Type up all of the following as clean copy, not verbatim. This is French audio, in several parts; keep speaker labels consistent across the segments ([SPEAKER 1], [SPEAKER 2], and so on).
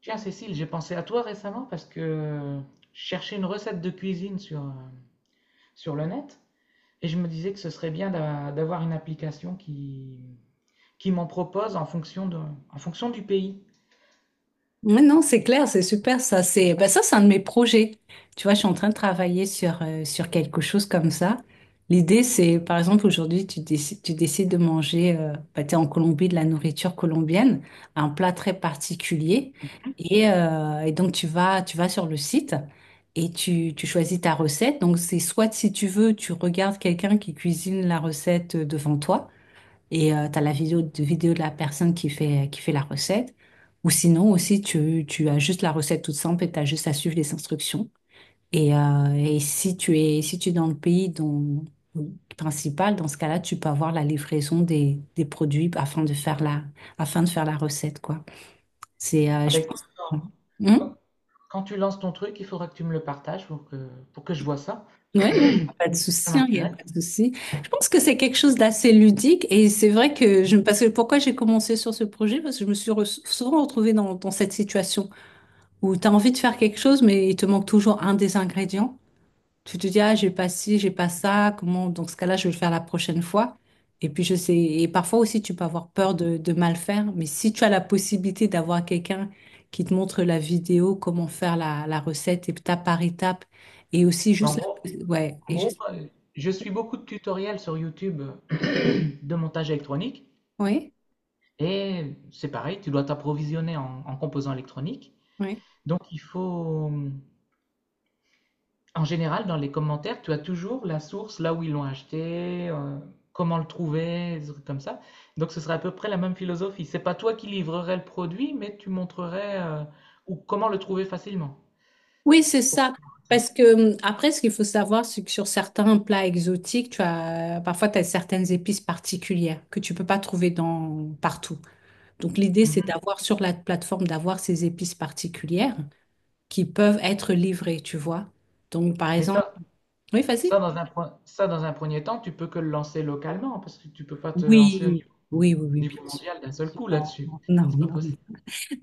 [SPEAKER 1] Tiens, Cécile, j'ai pensé à toi récemment parce que je cherchais une recette de cuisine sur, sur le net et je me disais que ce serait bien d'avoir une application qui m'en propose en fonction du pays.
[SPEAKER 2] Oui, non, c'est clair, c'est super ça. C'est ben ça, c'est un de mes projets. Tu vois, je suis en train de travailler sur, sur quelque chose comme ça. L'idée, c'est, par exemple, aujourd'hui, tu décides de manger, bah, t'es en Colombie, de la nourriture colombienne, un plat très particulier. Et, et donc, tu vas sur le site et tu choisis ta recette. Donc, c'est soit, si tu veux, tu regardes quelqu'un qui cuisine la recette devant toi et tu as la vidéo de la personne qui fait la recette. Ou sinon aussi, tu as juste la recette toute simple et tu as juste à suivre les instructions. Et, et si tu es dans le pays dont, principal, dans ce cas-là, tu peux avoir la livraison des produits afin de faire la, afin de faire la recette, quoi.
[SPEAKER 1] Ah bah
[SPEAKER 2] Je
[SPEAKER 1] écoute,
[SPEAKER 2] pense. Hmm.
[SPEAKER 1] quand- quand tu lances ton truc, il faudra que tu me le partages pour que je vois ça.
[SPEAKER 2] Ouais, non, il n'y a pas de
[SPEAKER 1] Ça
[SPEAKER 2] souci, hein, il n'y a pas
[SPEAKER 1] m'intéresse.
[SPEAKER 2] de souci. Je pense que c'est quelque chose d'assez ludique et c'est vrai que parce que pourquoi j'ai commencé sur ce projet, parce que je me suis souvent retrouvée dans, dans cette situation où tu as envie de faire quelque chose, mais il te manque toujours un des ingrédients. Tu te dis, ah, j'ai pas ci, j'ai pas ça, comment, dans ce cas-là, je vais le faire la prochaine fois. Et puis, je sais, et parfois aussi, tu peux avoir peur de mal faire, mais si tu as la possibilité d'avoir quelqu'un qui te montre la vidéo, comment faire la, la recette étape par étape, et aussi
[SPEAKER 1] Mais En
[SPEAKER 2] juste
[SPEAKER 1] gros,
[SPEAKER 2] la, ouais,
[SPEAKER 1] en
[SPEAKER 2] et
[SPEAKER 1] gros,
[SPEAKER 2] juste.
[SPEAKER 1] euh, je suis beaucoup de tutoriels sur YouTube de montage électronique
[SPEAKER 2] Oui,
[SPEAKER 1] et c'est pareil, tu dois t'approvisionner en composants électroniques.
[SPEAKER 2] oui.
[SPEAKER 1] Donc il faut, en général, dans les commentaires, tu as toujours la source, là où ils l'ont acheté, comment le trouver, des trucs comme ça. Donc ce serait à peu près la même philosophie. C'est pas toi qui livrerais le produit, mais tu montrerais ou comment le trouver facilement
[SPEAKER 2] Oui, c'est
[SPEAKER 1] pour faire
[SPEAKER 2] ça.
[SPEAKER 1] une recette.
[SPEAKER 2] Parce que après, ce qu'il faut savoir, c'est que sur certains plats exotiques, tu as parfois tu as certaines épices particulières que tu peux pas trouver dans partout. Donc l'idée, c'est
[SPEAKER 1] Mhm.
[SPEAKER 2] d'avoir sur la plateforme d'avoir ces épices particulières qui peuvent être livrées, tu vois. Donc par
[SPEAKER 1] Mais
[SPEAKER 2] exemple, oui, vas-y.
[SPEAKER 1] ça dans un premier temps, tu peux que le lancer localement parce que tu peux pas te lancer
[SPEAKER 2] Oui, oui, oui,
[SPEAKER 1] au
[SPEAKER 2] oui, bien
[SPEAKER 1] niveau
[SPEAKER 2] sûr.
[SPEAKER 1] mondial d'un seul coup
[SPEAKER 2] Non,
[SPEAKER 1] là-dessus.
[SPEAKER 2] non,
[SPEAKER 1] C'est pas
[SPEAKER 2] non, non.
[SPEAKER 1] possible.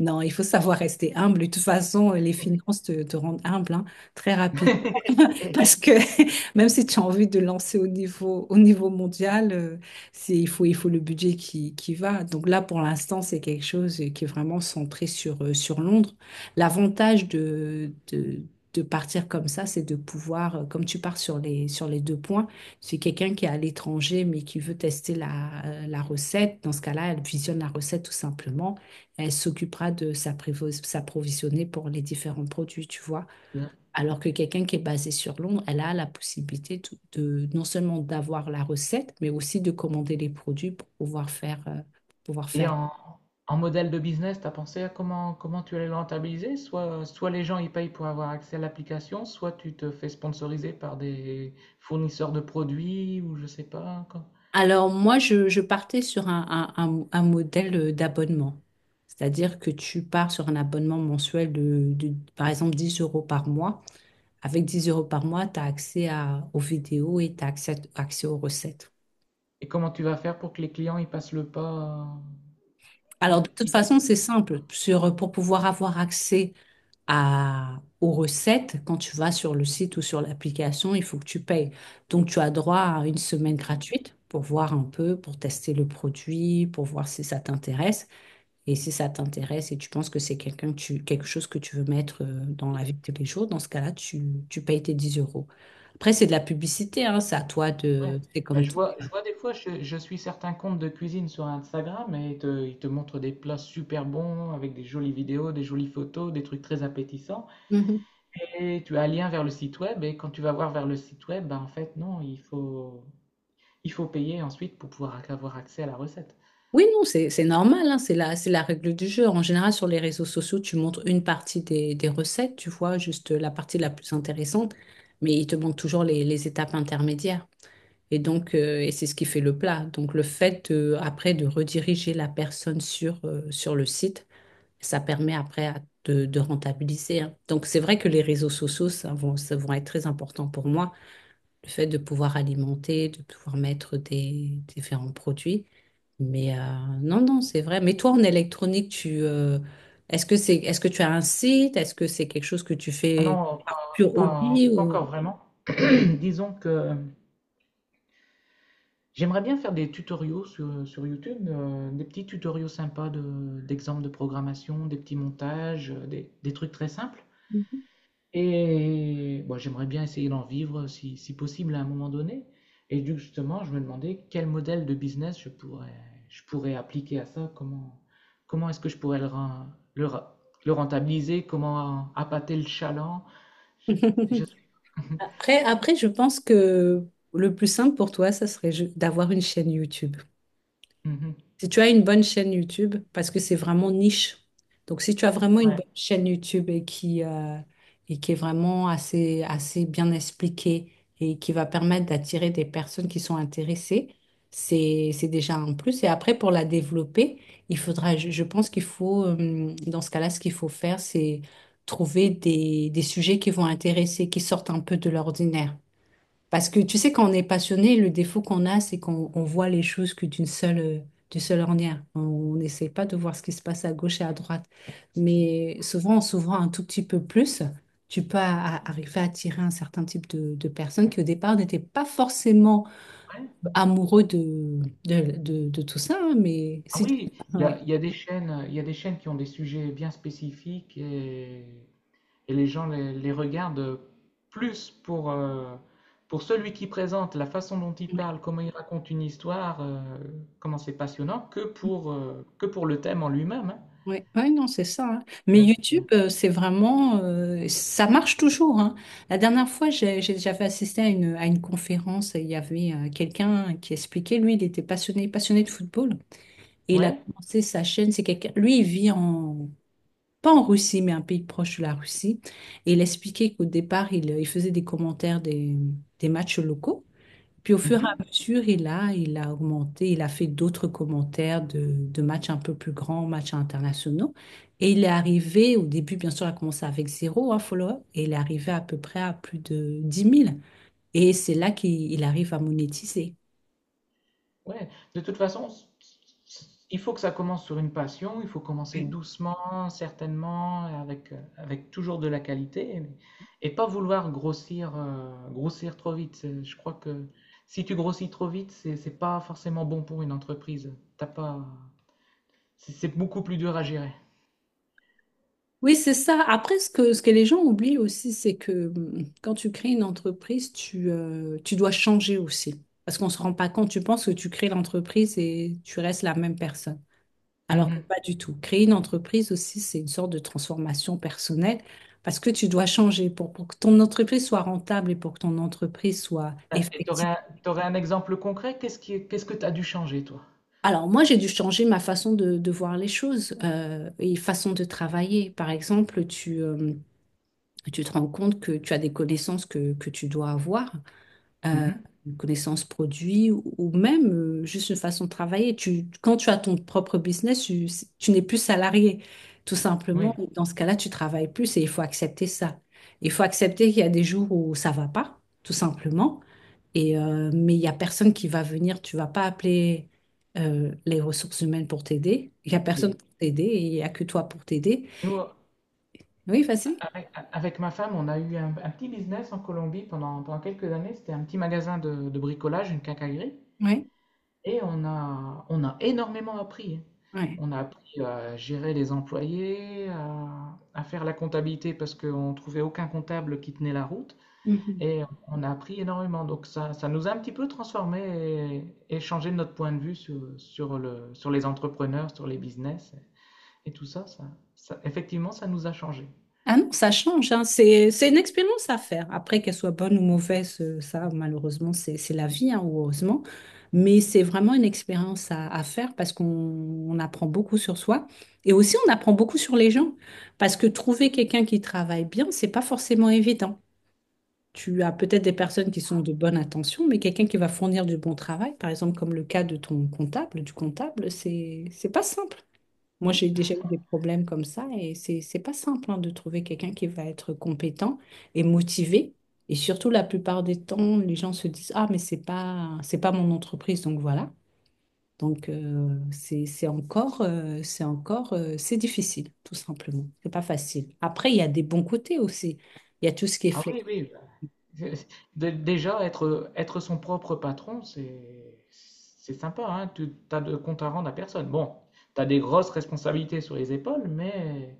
[SPEAKER 2] Non, il faut savoir rester humble. De toute façon, les finances te, te rendent humble, hein, très rapidement. Parce que même si tu as envie de lancer au niveau mondial, c'est, il faut le budget qui va. Donc là, pour l'instant, c'est quelque chose qui est vraiment centré sur, sur Londres. L'avantage de partir comme ça, c'est de pouvoir, comme tu pars sur les deux points, c'est quelqu'un qui est à l'étranger mais qui veut tester la, la recette. Dans ce cas-là, elle visionne la recette tout simplement. Elle s'occupera de s'approvisionner pour les différents produits, tu vois. Alors que quelqu'un qui est basé sur Londres, elle a la possibilité non seulement d'avoir la recette, mais aussi de commander les produits pour pouvoir fairepour pouvoir
[SPEAKER 1] Et
[SPEAKER 2] faire.
[SPEAKER 1] en modèle de business, tu as pensé à comment tu allais le rentabiliser? Soit les gens ils payent pour avoir accès à l'application, soit tu te fais sponsoriser par des fournisseurs de produits ou je sais pas quoi.
[SPEAKER 2] Alors moi, je partais sur un modèle d'abonnement. C'est-à-dire que tu pars sur un abonnement mensuel de, par exemple, 10 € par mois. Avec 10 € par mois, tu as accès aux vidéos et tu as accès aux recettes.
[SPEAKER 1] Et comment tu vas faire pour que les clients ils passent le pas?
[SPEAKER 2] Alors,
[SPEAKER 1] Ils-
[SPEAKER 2] de toute
[SPEAKER 1] ils fassent
[SPEAKER 2] façon, c'est
[SPEAKER 1] le-
[SPEAKER 2] simple. Sur, pour pouvoir avoir accès aux recettes, quand tu vas sur le site ou sur l'application, il faut que tu payes. Donc, tu as droit à une semaine gratuite pour voir un peu, pour tester le produit, pour voir si ça t'intéresse. Et si ça t'intéresse et tu penses que c'est quelqu'un que tu, quelque chose que tu veux mettre dans la vie de tous les jours, dans ce cas-là, tu payes tes 10 euros. Après, c'est de la publicité, hein, c'est à toi
[SPEAKER 1] Ouais.
[SPEAKER 2] de... C'est
[SPEAKER 1] Bah,
[SPEAKER 2] comme
[SPEAKER 1] je
[SPEAKER 2] tout.
[SPEAKER 1] vois, je vois des fois, je suis certains comptes de cuisine sur Instagram et ils te montrent des plats super bons avec des jolies vidéos, des jolies photos, des trucs très appétissants. Et tu as un lien vers le site web et quand tu vas voir vers le site web, ben en fait, non, il faut payer ensuite pour avoir accès à la recette.
[SPEAKER 2] Oui, non, c'est normal, hein, c'est la règle du jeu. En général, sur les réseaux sociaux, tu montres une partie des recettes, tu vois, juste la partie la plus intéressante, mais il te manque toujours les étapes intermédiaires. Et donc, c'est ce qui fait le plat. Donc, le fait, après, de rediriger la personne sur, sur le site, ça permet après de rentabiliser, hein. Donc, c'est vrai que les réseaux sociaux, ça vont être très importants pour moi le fait de pouvoir alimenter, de pouvoir mettre des différents produits. Mais non, non, c'est vrai. Mais toi, en électronique, tu est-ce que tu as un site? Est-ce que c'est quelque chose que tu
[SPEAKER 1] Ah
[SPEAKER 2] fais
[SPEAKER 1] non,
[SPEAKER 2] pur hobby
[SPEAKER 1] pas
[SPEAKER 2] ou-
[SPEAKER 1] encore vraiment. Disons que j'aimerais bien faire des tutoriaux sur YouTube, des petits tutoriaux sympas d'exemples de programmation, des petits montages, des trucs très simples. Et bon, j'aimerais bien essayer d'en vivre si possible à un moment donné. Et justement, je me demandais quel modèle de business je je pourrais appliquer à ça, comment est-ce que je pourrais le rentabiliser, comment appâter le chaland. Je- je-
[SPEAKER 2] Après, je pense que le plus simple pour toi, ça serait d'avoir une chaîne YouTube.
[SPEAKER 1] Mhm.
[SPEAKER 2] Si tu as une bonne chaîne YouTube, parce que c'est vraiment niche. Donc, si tu as vraiment une
[SPEAKER 1] Ouais.
[SPEAKER 2] bonne chaîne YouTube et qui, est vraiment assez bien expliquée et qui va permettre d'attirer des personnes qui sont intéressées, c'est déjà un plus. Et après, pour la développer, il faudra, je pense qu'il faut, dans ce cas-là, ce qu'il faut faire, c'est trouver des sujets qui vont intéresser, qui sortent un peu de l'ordinaire. Parce que tu sais, quand on est passionné, le défaut qu'on a, c'est qu'on voit les choses que d'une seule, d'une seule ornière. On n'essaie pas de voir ce qui se passe à gauche et à droite. Mais souvent, en s'ouvrant un tout petit peu plus, tu peux arriver à attirer un certain type de personnes qui, au départ, n'étaient pas forcément
[SPEAKER 1] Ouais.
[SPEAKER 2] amoureux de tout ça, hein, mais
[SPEAKER 1] Ah
[SPEAKER 2] si tu...
[SPEAKER 1] oui,
[SPEAKER 2] ouais.
[SPEAKER 1] il y a des chaînes, il y a des chaînes qui ont des sujets bien spécifiques. Et les gens les regardent plus pour celui qui présente, la façon dont il parle, comment il raconte une histoire, comment c'est passionnant, que que pour le thème en lui-même.
[SPEAKER 2] Oui, ouais, non, c'est ça, hein. Mais
[SPEAKER 1] Hein.
[SPEAKER 2] YouTube,
[SPEAKER 1] J'ai-
[SPEAKER 2] c'est vraiment, ça marche toujours, hein. La dernière fois, j'avais assisté à une conférence et il y avait quelqu'un qui expliquait, lui, il était passionné de football. Et il a
[SPEAKER 1] Ouais.
[SPEAKER 2] commencé sa chaîne, c'est quelqu'un, lui, il vit en, pas en Russie, mais un pays proche de la Russie. Et il expliquait qu'au départ, il faisait des commentaires des matchs locaux. Puis au fur et à
[SPEAKER 1] Mhm.
[SPEAKER 2] mesure, il a augmenté, il a fait d'autres commentaires de matchs un peu plus grands, matchs internationaux. Et il est arrivé, au début, bien sûr, il a commencé avec zéro, un follow-up, et il est arrivé à peu près à plus de 10 000. Et c'est là qu'il arrive à monétiser.
[SPEAKER 1] Ouais, de toute façon, il faut que ça commence sur une passion, il faut commencer
[SPEAKER 2] Oui.
[SPEAKER 1] doucement, certainement, avec toujours de la qualité, mais et pas vouloir grossir trop vite. C'est- Je crois que si tu grossis trop vite, c'est pas forcément bon pour une entreprise. T'as pas, c'est beaucoup plus dur à gérer.
[SPEAKER 2] Oui, c'est ça. Après, ce que les gens oublient aussi, c'est que quand tu crées une entreprise, tu dois changer aussi. Parce qu'on ne se rend pas compte, tu penses que tu crées l'entreprise et tu restes la même personne. Alors que
[SPEAKER 1] Mhm.
[SPEAKER 2] pas du tout. Créer une entreprise aussi, c'est une sorte de transformation personnelle parce que tu dois changer pour que ton entreprise soit rentable et pour que ton entreprise soit
[SPEAKER 1] Ah, et
[SPEAKER 2] effective.
[SPEAKER 1] t'aurais un exemple concret? Qu'est-ce qui, qu'est-ce que t'as dû changer, toi?
[SPEAKER 2] Alors moi, j'ai dû changer ma façon de voir les choses et façon de travailler. Par exemple, tu te rends compte que tu as des connaissances que tu dois avoir. euh,
[SPEAKER 1] Mhm.
[SPEAKER 2] une connaissance produit ou même juste une façon de travailler. Quand tu as ton propre business, tu n'es plus salarié, tout simplement.
[SPEAKER 1] Oui.
[SPEAKER 2] Et dans ce cas-là, tu travailles plus et il faut accepter ça. Il faut accepter qu'il y a des jours où ça va pas, tout simplement. Et, mais il y a personne qui va venir, tu vas pas appeler les ressources humaines pour t'aider. Il y a personne
[SPEAKER 1] Et
[SPEAKER 2] pour t'aider et il y a que toi pour t'aider.
[SPEAKER 1] nous,
[SPEAKER 2] Oui, vas-y.
[SPEAKER 1] avec ma femme, on a eu un petit business en Colombie pendant quelques années. C'était un petit magasin de bricolage, une quincaillerie.
[SPEAKER 2] Oui,
[SPEAKER 1] Et on a énormément appris. On a appris à gérer les employés, à faire la comptabilité parce qu'on ne trouvait aucun comptable qui tenait la route.
[SPEAKER 2] oui.
[SPEAKER 1] Et on a appris énormément. Donc ça nous a un petit peu transformé et changé notre point de vue sur les entrepreneurs, sur les business et tout ça. Effectivement, ça nous a changé.
[SPEAKER 2] Ah non, ça change, hein. C'est une expérience à faire. Après, qu'elle soit bonne ou mauvaise, ça, malheureusement, c'est la vie, hein, ou heureusement. Mais c'est vraiment une expérience à faire parce qu'on apprend beaucoup sur soi. Et aussi, on apprend beaucoup sur les gens. Parce que trouver quelqu'un qui travaille bien, c'est pas forcément évident. Tu as peut-être des personnes qui sont de bonne intention, mais quelqu'un qui va fournir du bon travail, par exemple, comme le cas de ton comptable, du comptable, c'est pas simple. Moi, j'ai déjà eu des problèmes comme ça et c'est pas simple, hein, de trouver quelqu'un qui va être compétent et motivé. Et surtout, la plupart des temps, les gens se disent, ah, mais c'est pas mon entreprise, donc voilà. Donc, c'est difficile, tout simplement. C'est pas facile. Après, il y a des bons côtés aussi. Il y a tout ce qui est
[SPEAKER 1] Ah
[SPEAKER 2] flexible.
[SPEAKER 1] oui, oui. Bah, Déjà, être son propre patron, c'est sympa, hein. Tu t'as de compte à rendre à personne. Bon, tu as des grosses responsabilités sur les épaules,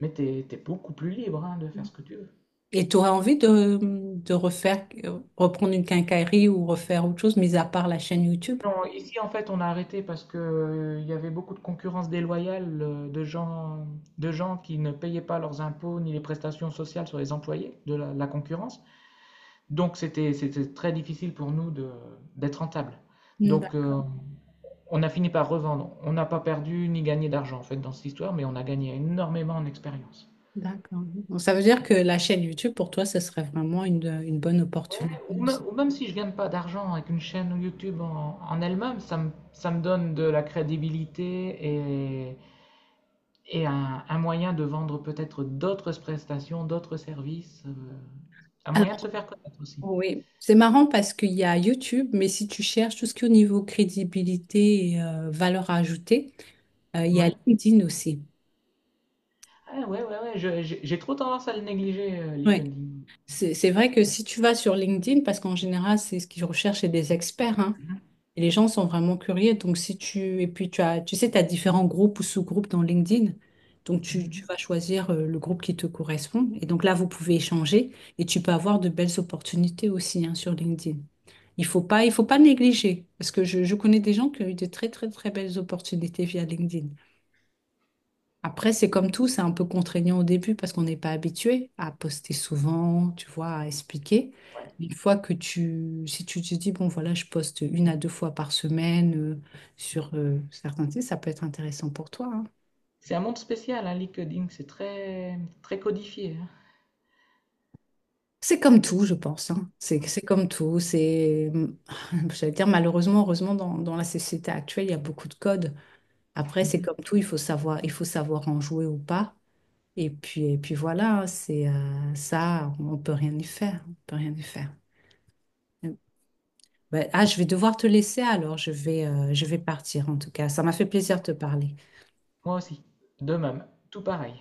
[SPEAKER 1] mais tu es beaucoup plus libre, hein, de faire ce que tu veux.
[SPEAKER 2] Et tu aurais envie de refaire, reprendre une quincaillerie ou refaire autre chose, mis à part la chaîne YouTube?
[SPEAKER 1] Non, ici, en fait, on a arrêté parce que, il y avait beaucoup de concurrence déloyale, de gens qui ne payaient pas leurs impôts ni les prestations sociales sur les employés de la concurrence. Donc, c'était très difficile pour nous d'être rentable. Donc, on a fini par revendre. On n'a pas perdu ni gagné d'argent en fait dans cette histoire, mais on a gagné énormément en expérience.
[SPEAKER 2] D'accord. Donc, ça veut dire que la chaîne YouTube, pour toi, ce serait vraiment une bonne
[SPEAKER 1] Ouais,
[SPEAKER 2] opportunité aussi.
[SPEAKER 1] ou même si je gagne pas d'argent avec une chaîne YouTube en elle-même, ça me donne de la crédibilité et un moyen de vendre peut-être d'autres prestations, d'autres services, un moyen
[SPEAKER 2] Alors,
[SPEAKER 1] de se faire connaître aussi.
[SPEAKER 2] oui, c'est marrant parce qu'il y a YouTube, mais si tu cherches tout ce qui est au niveau crédibilité et valeur ajoutée, il y a
[SPEAKER 1] Ouais,
[SPEAKER 2] LinkedIn aussi.
[SPEAKER 1] ah, ouais, ouais, ouais, j'ai trop tendance à le négliger,
[SPEAKER 2] Oui,
[SPEAKER 1] LinkedIn.
[SPEAKER 2] c'est vrai que si tu vas sur LinkedIn, parce qu'en général, c'est ce qu'ils recherchent chez des experts, hein.
[SPEAKER 1] Mhm,
[SPEAKER 2] Et les gens sont vraiment curieux. Donc, si tu, et puis tu as, tu sais, tu as différents groupes ou sous-groupes dans LinkedIn. Donc, tu
[SPEAKER 1] mhm.
[SPEAKER 2] vas choisir le groupe qui te correspond. Et donc là, vous pouvez échanger et tu peux avoir de belles opportunités aussi, hein, sur LinkedIn. Il faut pas négliger parce que je connais des gens qui ont eu de très, très, très belles opportunités via LinkedIn. Après, c'est comme tout, c'est un peu contraignant au début parce qu'on n'est pas habitué à poster souvent, tu vois, à expliquer.
[SPEAKER 1] Ouais.
[SPEAKER 2] Mais une fois que si tu te dis, bon, voilà, je poste une à deux fois par semaine, sur certains sites, ça peut être intéressant pour toi, hein.
[SPEAKER 1] C'est un monde spécial, hein, LinkedIn, très codifié. Hein.
[SPEAKER 2] C'est comme tout, je pense, hein. C'est comme tout. C'est, j'allais dire, malheureusement, heureusement, dans, dans la société actuelle, il y a beaucoup de codes. Après, c'est
[SPEAKER 1] Mhm.
[SPEAKER 2] comme tout, il faut savoir en jouer ou pas. Et puis voilà, hein, c'est ça, on peut rien y faire, on peut rien y faire. Ouais. Ah, je vais devoir te laisser alors, je vais partir en tout cas. Ça m'a fait plaisir de te parler.
[SPEAKER 1] Moi aussi, de même, tout pareil.